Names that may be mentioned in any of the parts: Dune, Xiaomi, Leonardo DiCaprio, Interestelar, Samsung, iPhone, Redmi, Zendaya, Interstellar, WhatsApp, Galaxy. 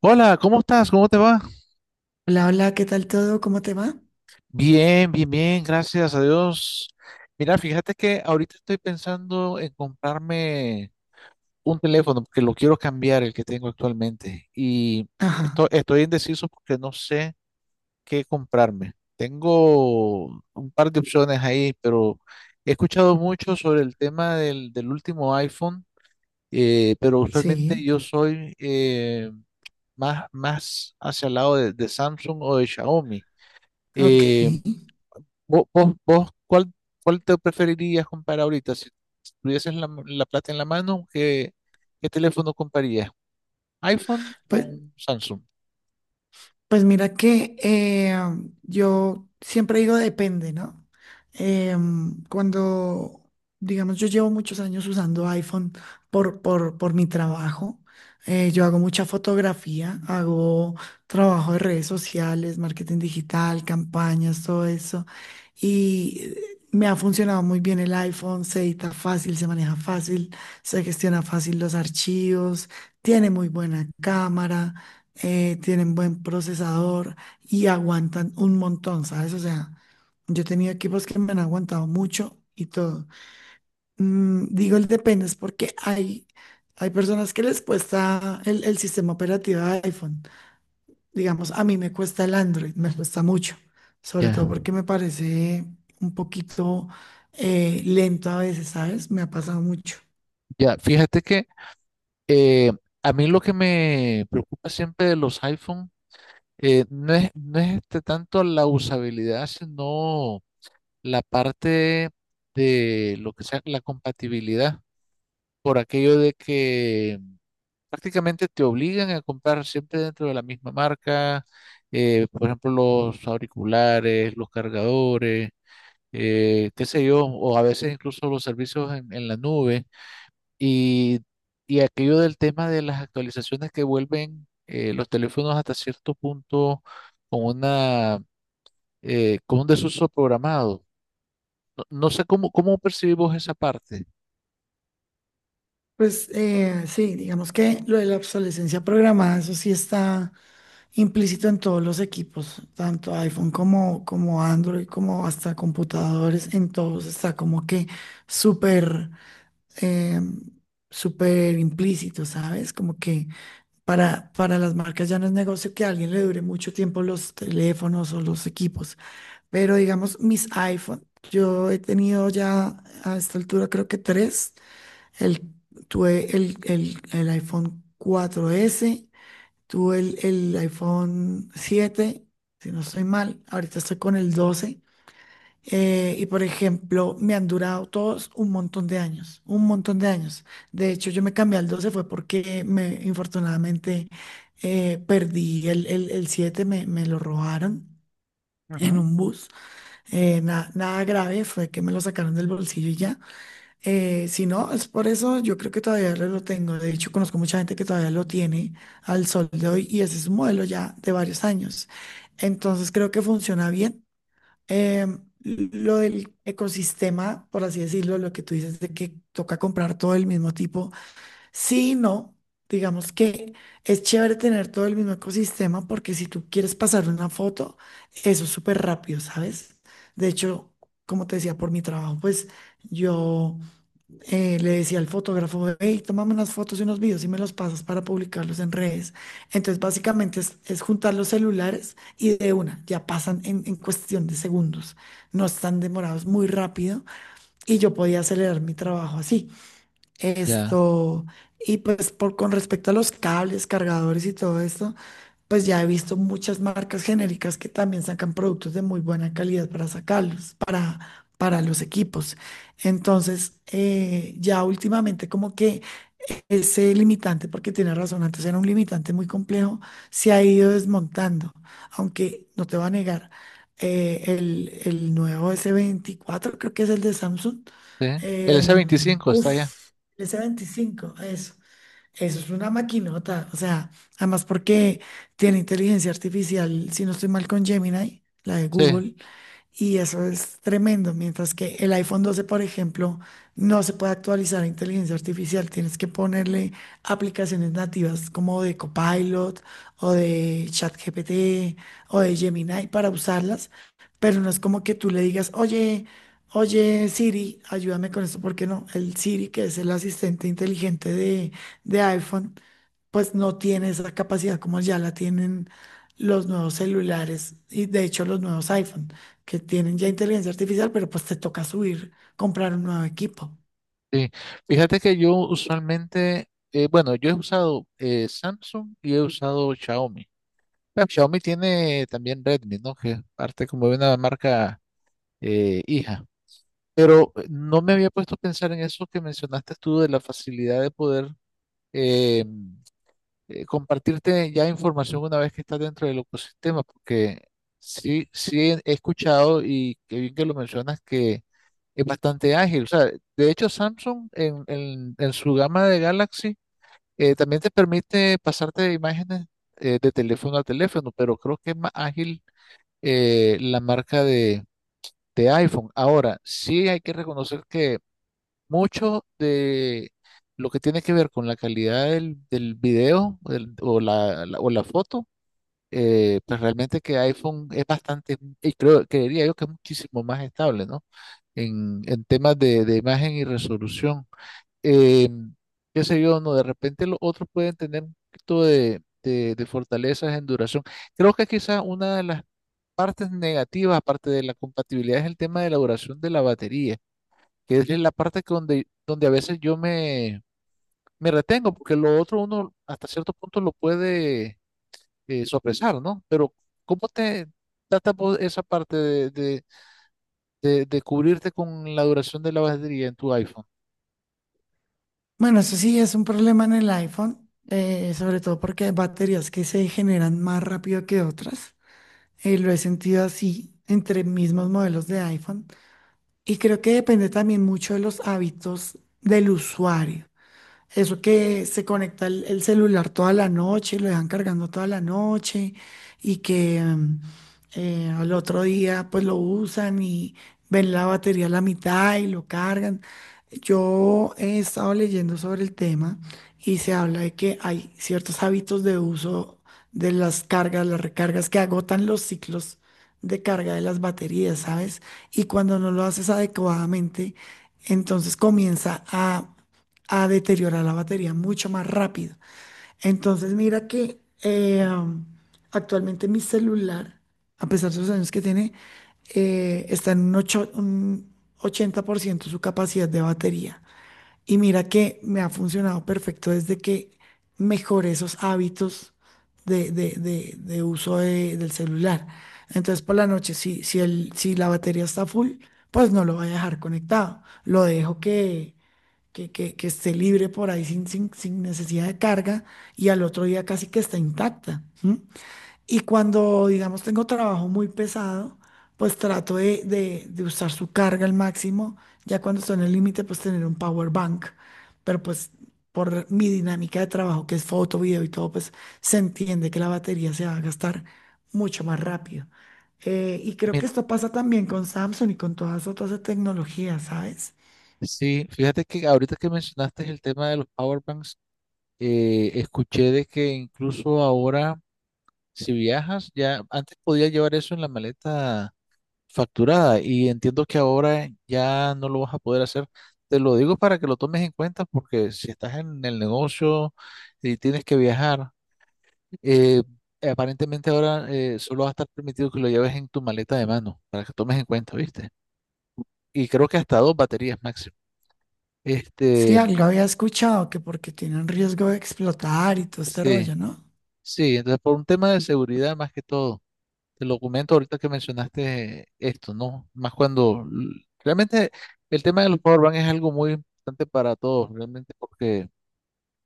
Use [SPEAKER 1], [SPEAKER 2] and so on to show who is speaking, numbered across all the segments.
[SPEAKER 1] Hola, ¿cómo estás? ¿Cómo te va?
[SPEAKER 2] Hola, hola, ¿qué tal todo? ¿Cómo te va?
[SPEAKER 1] Bien, bien, bien, gracias a Dios. Mira, fíjate que ahorita estoy pensando en comprarme un teléfono porque lo quiero cambiar, el que tengo actualmente. Y
[SPEAKER 2] Ajá,
[SPEAKER 1] estoy indeciso porque no sé qué comprarme. Tengo un par de opciones ahí, pero he escuchado mucho sobre el tema del último iPhone, pero usualmente
[SPEAKER 2] sí,
[SPEAKER 1] yo soy más hacia el lado de Samsung o de Xiaomi. Eh,
[SPEAKER 2] ok.
[SPEAKER 1] ¿Vos, cuál te preferirías comprar ahorita? Si tuvieses la plata en la mano, ¿qué teléfono comprarías? ¿iPhone o
[SPEAKER 2] Pues
[SPEAKER 1] un Samsung?
[SPEAKER 2] Pues mira que yo siempre digo depende, ¿no? Cuando, digamos, yo llevo muchos años usando iPhone por mi trabajo. Yo hago mucha fotografía, hago trabajo de redes sociales, marketing digital, campañas, todo eso. Y me ha funcionado muy bien el iPhone, se edita fácil, se maneja fácil, se gestiona fácil los archivos, tiene muy buena cámara, tienen buen procesador y aguantan un montón, ¿sabes? O sea, yo he tenido equipos que me han aguantado mucho y todo. Digo el depende, es porque hay personas que les cuesta el sistema operativo de iPhone. Digamos, a mí me cuesta el Android, me cuesta mucho, sobre todo
[SPEAKER 1] Ya,
[SPEAKER 2] porque me parece un poquito lento a veces, ¿sabes? Me ha pasado mucho.
[SPEAKER 1] ya, fíjate que eh, a mí lo que me preocupa siempre de los iPhone no es este tanto la usabilidad, sino la parte de lo que sea la compatibilidad, por aquello de que prácticamente te obligan a comprar siempre dentro de la misma marca, por ejemplo, los auriculares, los cargadores, qué sé yo, o a veces incluso los servicios en la nube y, y aquello del tema de las actualizaciones que vuelven los teléfonos hasta cierto punto con con un desuso programado. No sé cómo percibimos esa parte.
[SPEAKER 2] Pues sí, digamos que lo de la obsolescencia programada, eso sí está implícito en todos los equipos, tanto iPhone como, como Android, como hasta computadores, en todos está como que súper, eh, súper implícito, ¿sabes? Como que para las marcas ya no es negocio que a alguien le dure mucho tiempo los teléfonos o los equipos, pero digamos mis iPhone, yo he tenido ya a esta altura creo que tres. El, tuve el iPhone 4s, tuve el iPhone 7, si no estoy mal, ahorita estoy con el 12. Y por ejemplo, me han durado todos un montón de años, un montón de años. De hecho, yo me cambié al 12 fue porque me, infortunadamente, perdí el siete, me lo robaron en
[SPEAKER 1] Ujú.
[SPEAKER 2] un bus. Na- nada grave, fue que me lo sacaron del bolsillo y ya. Si no, es por eso yo creo que todavía lo tengo. De hecho, conozco mucha gente que todavía lo tiene al sol de hoy y ese es un modelo ya de varios años. Entonces creo que funciona bien. Em, lo del ecosistema, por así decirlo, lo que tú dices de que toca comprar todo el mismo tipo, sí, y no. Digamos que es chévere tener todo el mismo ecosistema porque si tú quieres pasar una foto, eso es súper rápido, ¿sabes? De hecho, como te decía, por mi trabajo, pues yo le decía al fotógrafo: hey, tómame unas fotos y unos videos y me los pasas para publicarlos en redes. Entonces, básicamente es juntar los celulares y, de una, ya pasan en cuestión de segundos. No están demorados, muy rápido, y yo podía acelerar mi trabajo así.
[SPEAKER 1] Ya,
[SPEAKER 2] Esto, y pues, con respecto a los cables, cargadores y todo esto, pues ya he visto muchas marcas genéricas que también sacan productos de muy buena calidad para sacarlos, para los equipos. Entonces, ya últimamente como que ese limitante, porque tiene razón, antes era un limitante muy complejo, se ha ido desmontando, aunque no te voy a negar, el nuevo S24, creo que es el de Samsung,
[SPEAKER 1] ¿sí? El s veinticinco está ya.
[SPEAKER 2] uf, el S25, eso. Eso es una maquinota, o sea, además porque tiene inteligencia artificial, si no estoy mal, con Gemini, la de
[SPEAKER 1] Sí.
[SPEAKER 2] Google, y eso es tremendo, mientras que el iPhone 12, por ejemplo, no se puede actualizar a inteligencia artificial, tienes que ponerle aplicaciones nativas como de Copilot o de ChatGPT o de Gemini para usarlas, pero no es como que tú le digas, oye Siri, ayúdame con esto, porque no, el Siri, que es el asistente inteligente de iPhone, pues no tiene esa capacidad como ya la tienen los nuevos celulares y, de hecho, los nuevos iPhone que tienen ya inteligencia artificial, pero pues te toca subir, comprar un nuevo equipo.
[SPEAKER 1] Sí, fíjate que yo usualmente, bueno, yo he usado Samsung y he usado Xiaomi. Pero Xiaomi tiene también Redmi, ¿no? Que es parte como de una marca hija. Pero no me había puesto a pensar en eso que mencionaste tú de la facilidad de poder eh, compartirte ya información una vez que estás dentro del ecosistema, porque sí, sí he escuchado y qué bien que lo mencionas que es bastante ágil. O sea, de hecho, Samsung en su gama de Galaxy también te permite pasarte imágenes de teléfono a teléfono, pero creo que es más ágil la marca de iPhone. Ahora, sí hay que reconocer que mucho de lo que tiene que ver con la calidad del video o la foto pues realmente que iPhone es bastante, y creo, creería yo que es muchísimo más estable, ¿no? En temas de imagen y resolución. Eh, qué sé yo, no, de repente los otros pueden tener un poquito de fortalezas en duración. Creo que quizá una de las partes negativas, aparte de la compatibilidad, es el tema de la duración de la batería, que es la parte que donde a veces me retengo, porque lo otro uno hasta cierto punto lo puede sopesar, ¿no? Pero ¿cómo te trata vos esa parte de cubrirte con la duración de la batería en tu iPhone?
[SPEAKER 2] Bueno, eso sí es un problema en el iPhone, sobre todo porque hay baterías que se generan más rápido que otras. Lo he sentido así entre mismos modelos de iPhone. Y creo que depende también mucho de los hábitos del usuario. Eso que se conecta el celular toda la noche, lo dejan cargando toda la noche y que al otro día pues lo usan y ven la batería a la mitad y lo cargan. Yo he estado leyendo sobre el tema y se habla de que hay ciertos hábitos de uso de las cargas, las recargas que agotan los ciclos de carga de las baterías, ¿sabes? Y cuando no lo haces adecuadamente, entonces comienza a deteriorar la batería mucho más rápido. Entonces, mira que actualmente mi celular, a pesar de los años que tiene, está en un 80% su capacidad de batería. Y mira que me ha funcionado perfecto desde que mejoré esos hábitos de uso del celular. Entonces, por la noche, si la batería está full, pues no lo voy a dejar conectado. Lo dejo que esté libre por ahí sin necesidad de carga, y al otro día casi que está intacta. ¿M? Y cuando, digamos, tengo trabajo muy pesado, pues trato de usar su carga al máximo. Ya cuando estoy en el límite, pues tener un power bank. Pero pues por mi dinámica de trabajo, que es foto, video y todo, pues se entiende que la batería se va a gastar mucho más rápido. Y creo que
[SPEAKER 1] Bien,
[SPEAKER 2] esto pasa también con Samsung y con todas otras tecnologías, ¿sabes?
[SPEAKER 1] sí, fíjate que ahorita que mencionaste el tema de los power banks, escuché de que incluso ahora, si viajas, ya antes podías llevar eso en la maleta facturada y entiendo que ahora ya no lo vas a poder hacer. Te lo digo para que lo tomes en cuenta porque si estás en el negocio y tienes que viajar, Eh, aparentemente ahora solo va a estar permitido que lo lleves en tu maleta de mano, para que tomes en cuenta, ¿viste? Y creo que hasta dos baterías máximo.
[SPEAKER 2] Sí,
[SPEAKER 1] Este,
[SPEAKER 2] algo había escuchado que porque tienen riesgo de explotar y todo este
[SPEAKER 1] sí,
[SPEAKER 2] rollo, ¿no?
[SPEAKER 1] sí, entonces por un tema de seguridad más que todo, el lo ahorita que mencionaste esto, ¿no? Más cuando realmente el tema de los powerbank es algo muy importante para todos, realmente, porque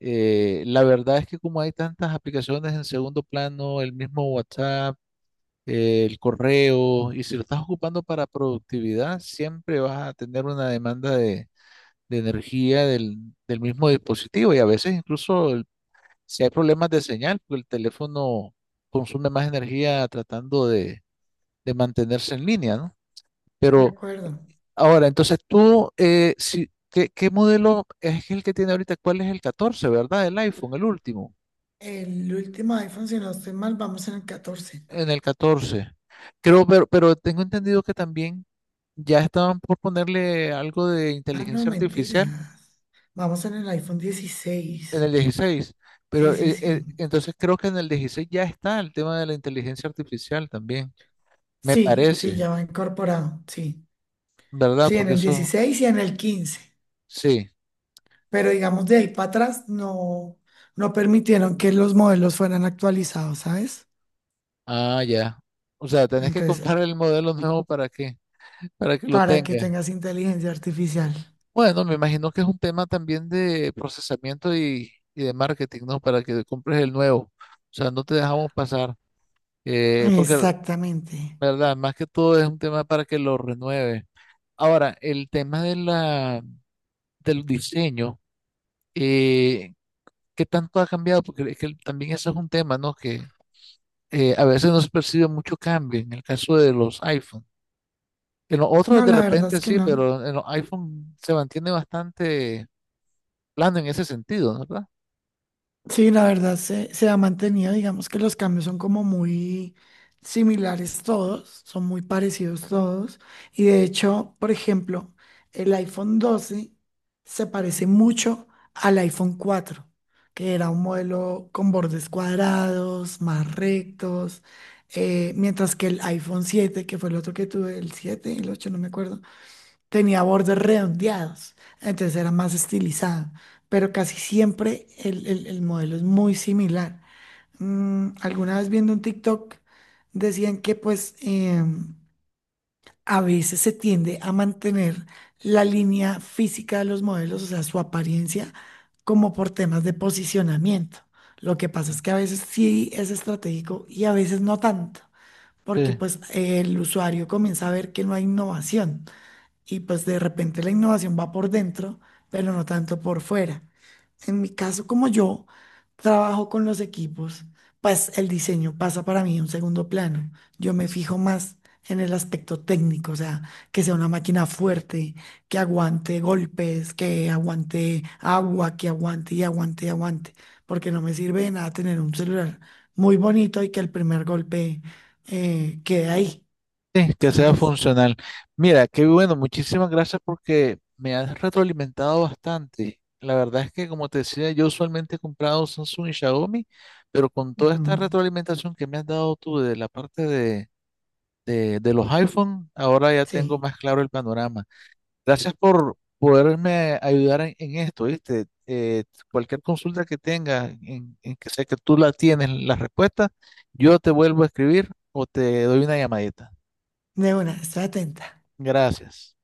[SPEAKER 1] la verdad es que como hay tantas aplicaciones en segundo plano, el mismo WhatsApp, el correo, y si lo estás ocupando para productividad, siempre vas a tener una demanda de energía del mismo dispositivo y a veces incluso si hay problemas de señal, pues el teléfono consume más energía tratando de mantenerse en línea, ¿no?
[SPEAKER 2] De
[SPEAKER 1] Pero
[SPEAKER 2] acuerdo.
[SPEAKER 1] ahora, entonces tú, si, ¿qué modelo es el que tiene ahorita? ¿Cuál es el 14, verdad? El iPhone, el último.
[SPEAKER 2] El último iPhone, si no estoy mal, vamos en el 14.
[SPEAKER 1] En el 14. Creo, pero tengo entendido que también ya estaban por ponerle algo de
[SPEAKER 2] Ah, no,
[SPEAKER 1] inteligencia artificial
[SPEAKER 2] mentiras. Vamos en el iPhone
[SPEAKER 1] en
[SPEAKER 2] 16.
[SPEAKER 1] el 16.
[SPEAKER 2] Sí,
[SPEAKER 1] Pero
[SPEAKER 2] sí, sí.
[SPEAKER 1] entonces creo que en el 16 ya está el tema de la inteligencia artificial también. Me
[SPEAKER 2] Sí, sí,
[SPEAKER 1] parece,
[SPEAKER 2] ya va incorporado. Sí.
[SPEAKER 1] ¿verdad?
[SPEAKER 2] Sí, en
[SPEAKER 1] Porque
[SPEAKER 2] el
[SPEAKER 1] eso,
[SPEAKER 2] 16 y en el 15.
[SPEAKER 1] sí.
[SPEAKER 2] Pero digamos, de ahí para atrás no, no permitieron que los modelos fueran actualizados, ¿sabes?
[SPEAKER 1] Ah, ya. O sea, tenés que
[SPEAKER 2] Entonces,
[SPEAKER 1] comprar el modelo nuevo para que lo
[SPEAKER 2] para que
[SPEAKER 1] tenga.
[SPEAKER 2] tengas inteligencia artificial.
[SPEAKER 1] Bueno, me imagino que es un tema también de procesamiento y de marketing, ¿no? Para que compres el nuevo. O sea, no te dejamos pasar. Porque, la
[SPEAKER 2] Exactamente.
[SPEAKER 1] ¿verdad? Más que todo es un tema para que lo renueve. Ahora, el tema de del diseño, eh, ¿qué tanto ha cambiado? Porque es que también eso es un tema, ¿no? Que a veces no se percibe mucho cambio en el caso de los iPhone. En los otros
[SPEAKER 2] No,
[SPEAKER 1] de
[SPEAKER 2] la verdad
[SPEAKER 1] repente
[SPEAKER 2] es que
[SPEAKER 1] sí,
[SPEAKER 2] no.
[SPEAKER 1] pero en los iPhone se mantiene bastante plano en ese sentido, ¿no? ¿Verdad?
[SPEAKER 2] Sí, la verdad se ha mantenido, digamos que los cambios son como muy similares todos, son muy parecidos todos. Y de hecho, por ejemplo, el iPhone 12 se parece mucho al iPhone 4, que era un modelo con bordes cuadrados, más rectos, mientras que el iPhone 7, que fue el otro que tuve, el 7, el 8, no me acuerdo, tenía bordes redondeados, entonces era más estilizado, pero casi siempre el modelo es muy similar. Alguna vez viendo un TikTok decían que pues a veces se tiende a mantener la línea física de los modelos, o sea, su apariencia, como por temas de posicionamiento. Lo que pasa es que a veces sí es estratégico y a veces no tanto, porque
[SPEAKER 1] Sí.
[SPEAKER 2] pues el usuario comienza a ver que no hay innovación y pues de repente la innovación va por dentro, pero no tanto por fuera. En mi caso, como yo trabajo con los equipos, pues el diseño pasa para mí a un segundo plano. Yo me fijo más en el aspecto técnico, o sea, que sea una máquina fuerte, que aguante golpes, que aguante agua, que aguante y aguante y aguante, porque no me sirve de nada tener un celular muy bonito y que el primer golpe quede ahí,
[SPEAKER 1] Sí, que sea
[SPEAKER 2] ¿sabes?
[SPEAKER 1] funcional. Mira, qué bueno, muchísimas gracias porque me has retroalimentado bastante. La verdad es que, como te decía, yo usualmente he comprado Samsung y Xiaomi, pero con toda
[SPEAKER 2] Ujú,
[SPEAKER 1] esta retroalimentación que me has dado tú de la parte de los iPhone, ahora ya tengo
[SPEAKER 2] sí.
[SPEAKER 1] más claro el panorama. Gracias por poderme ayudar en esto, ¿viste? Cualquier consulta que tengas, en que sé que tú la tienes, la respuesta, yo te vuelvo a escribir o te doy una llamadita.
[SPEAKER 2] De una, estoy atenta.
[SPEAKER 1] Gracias.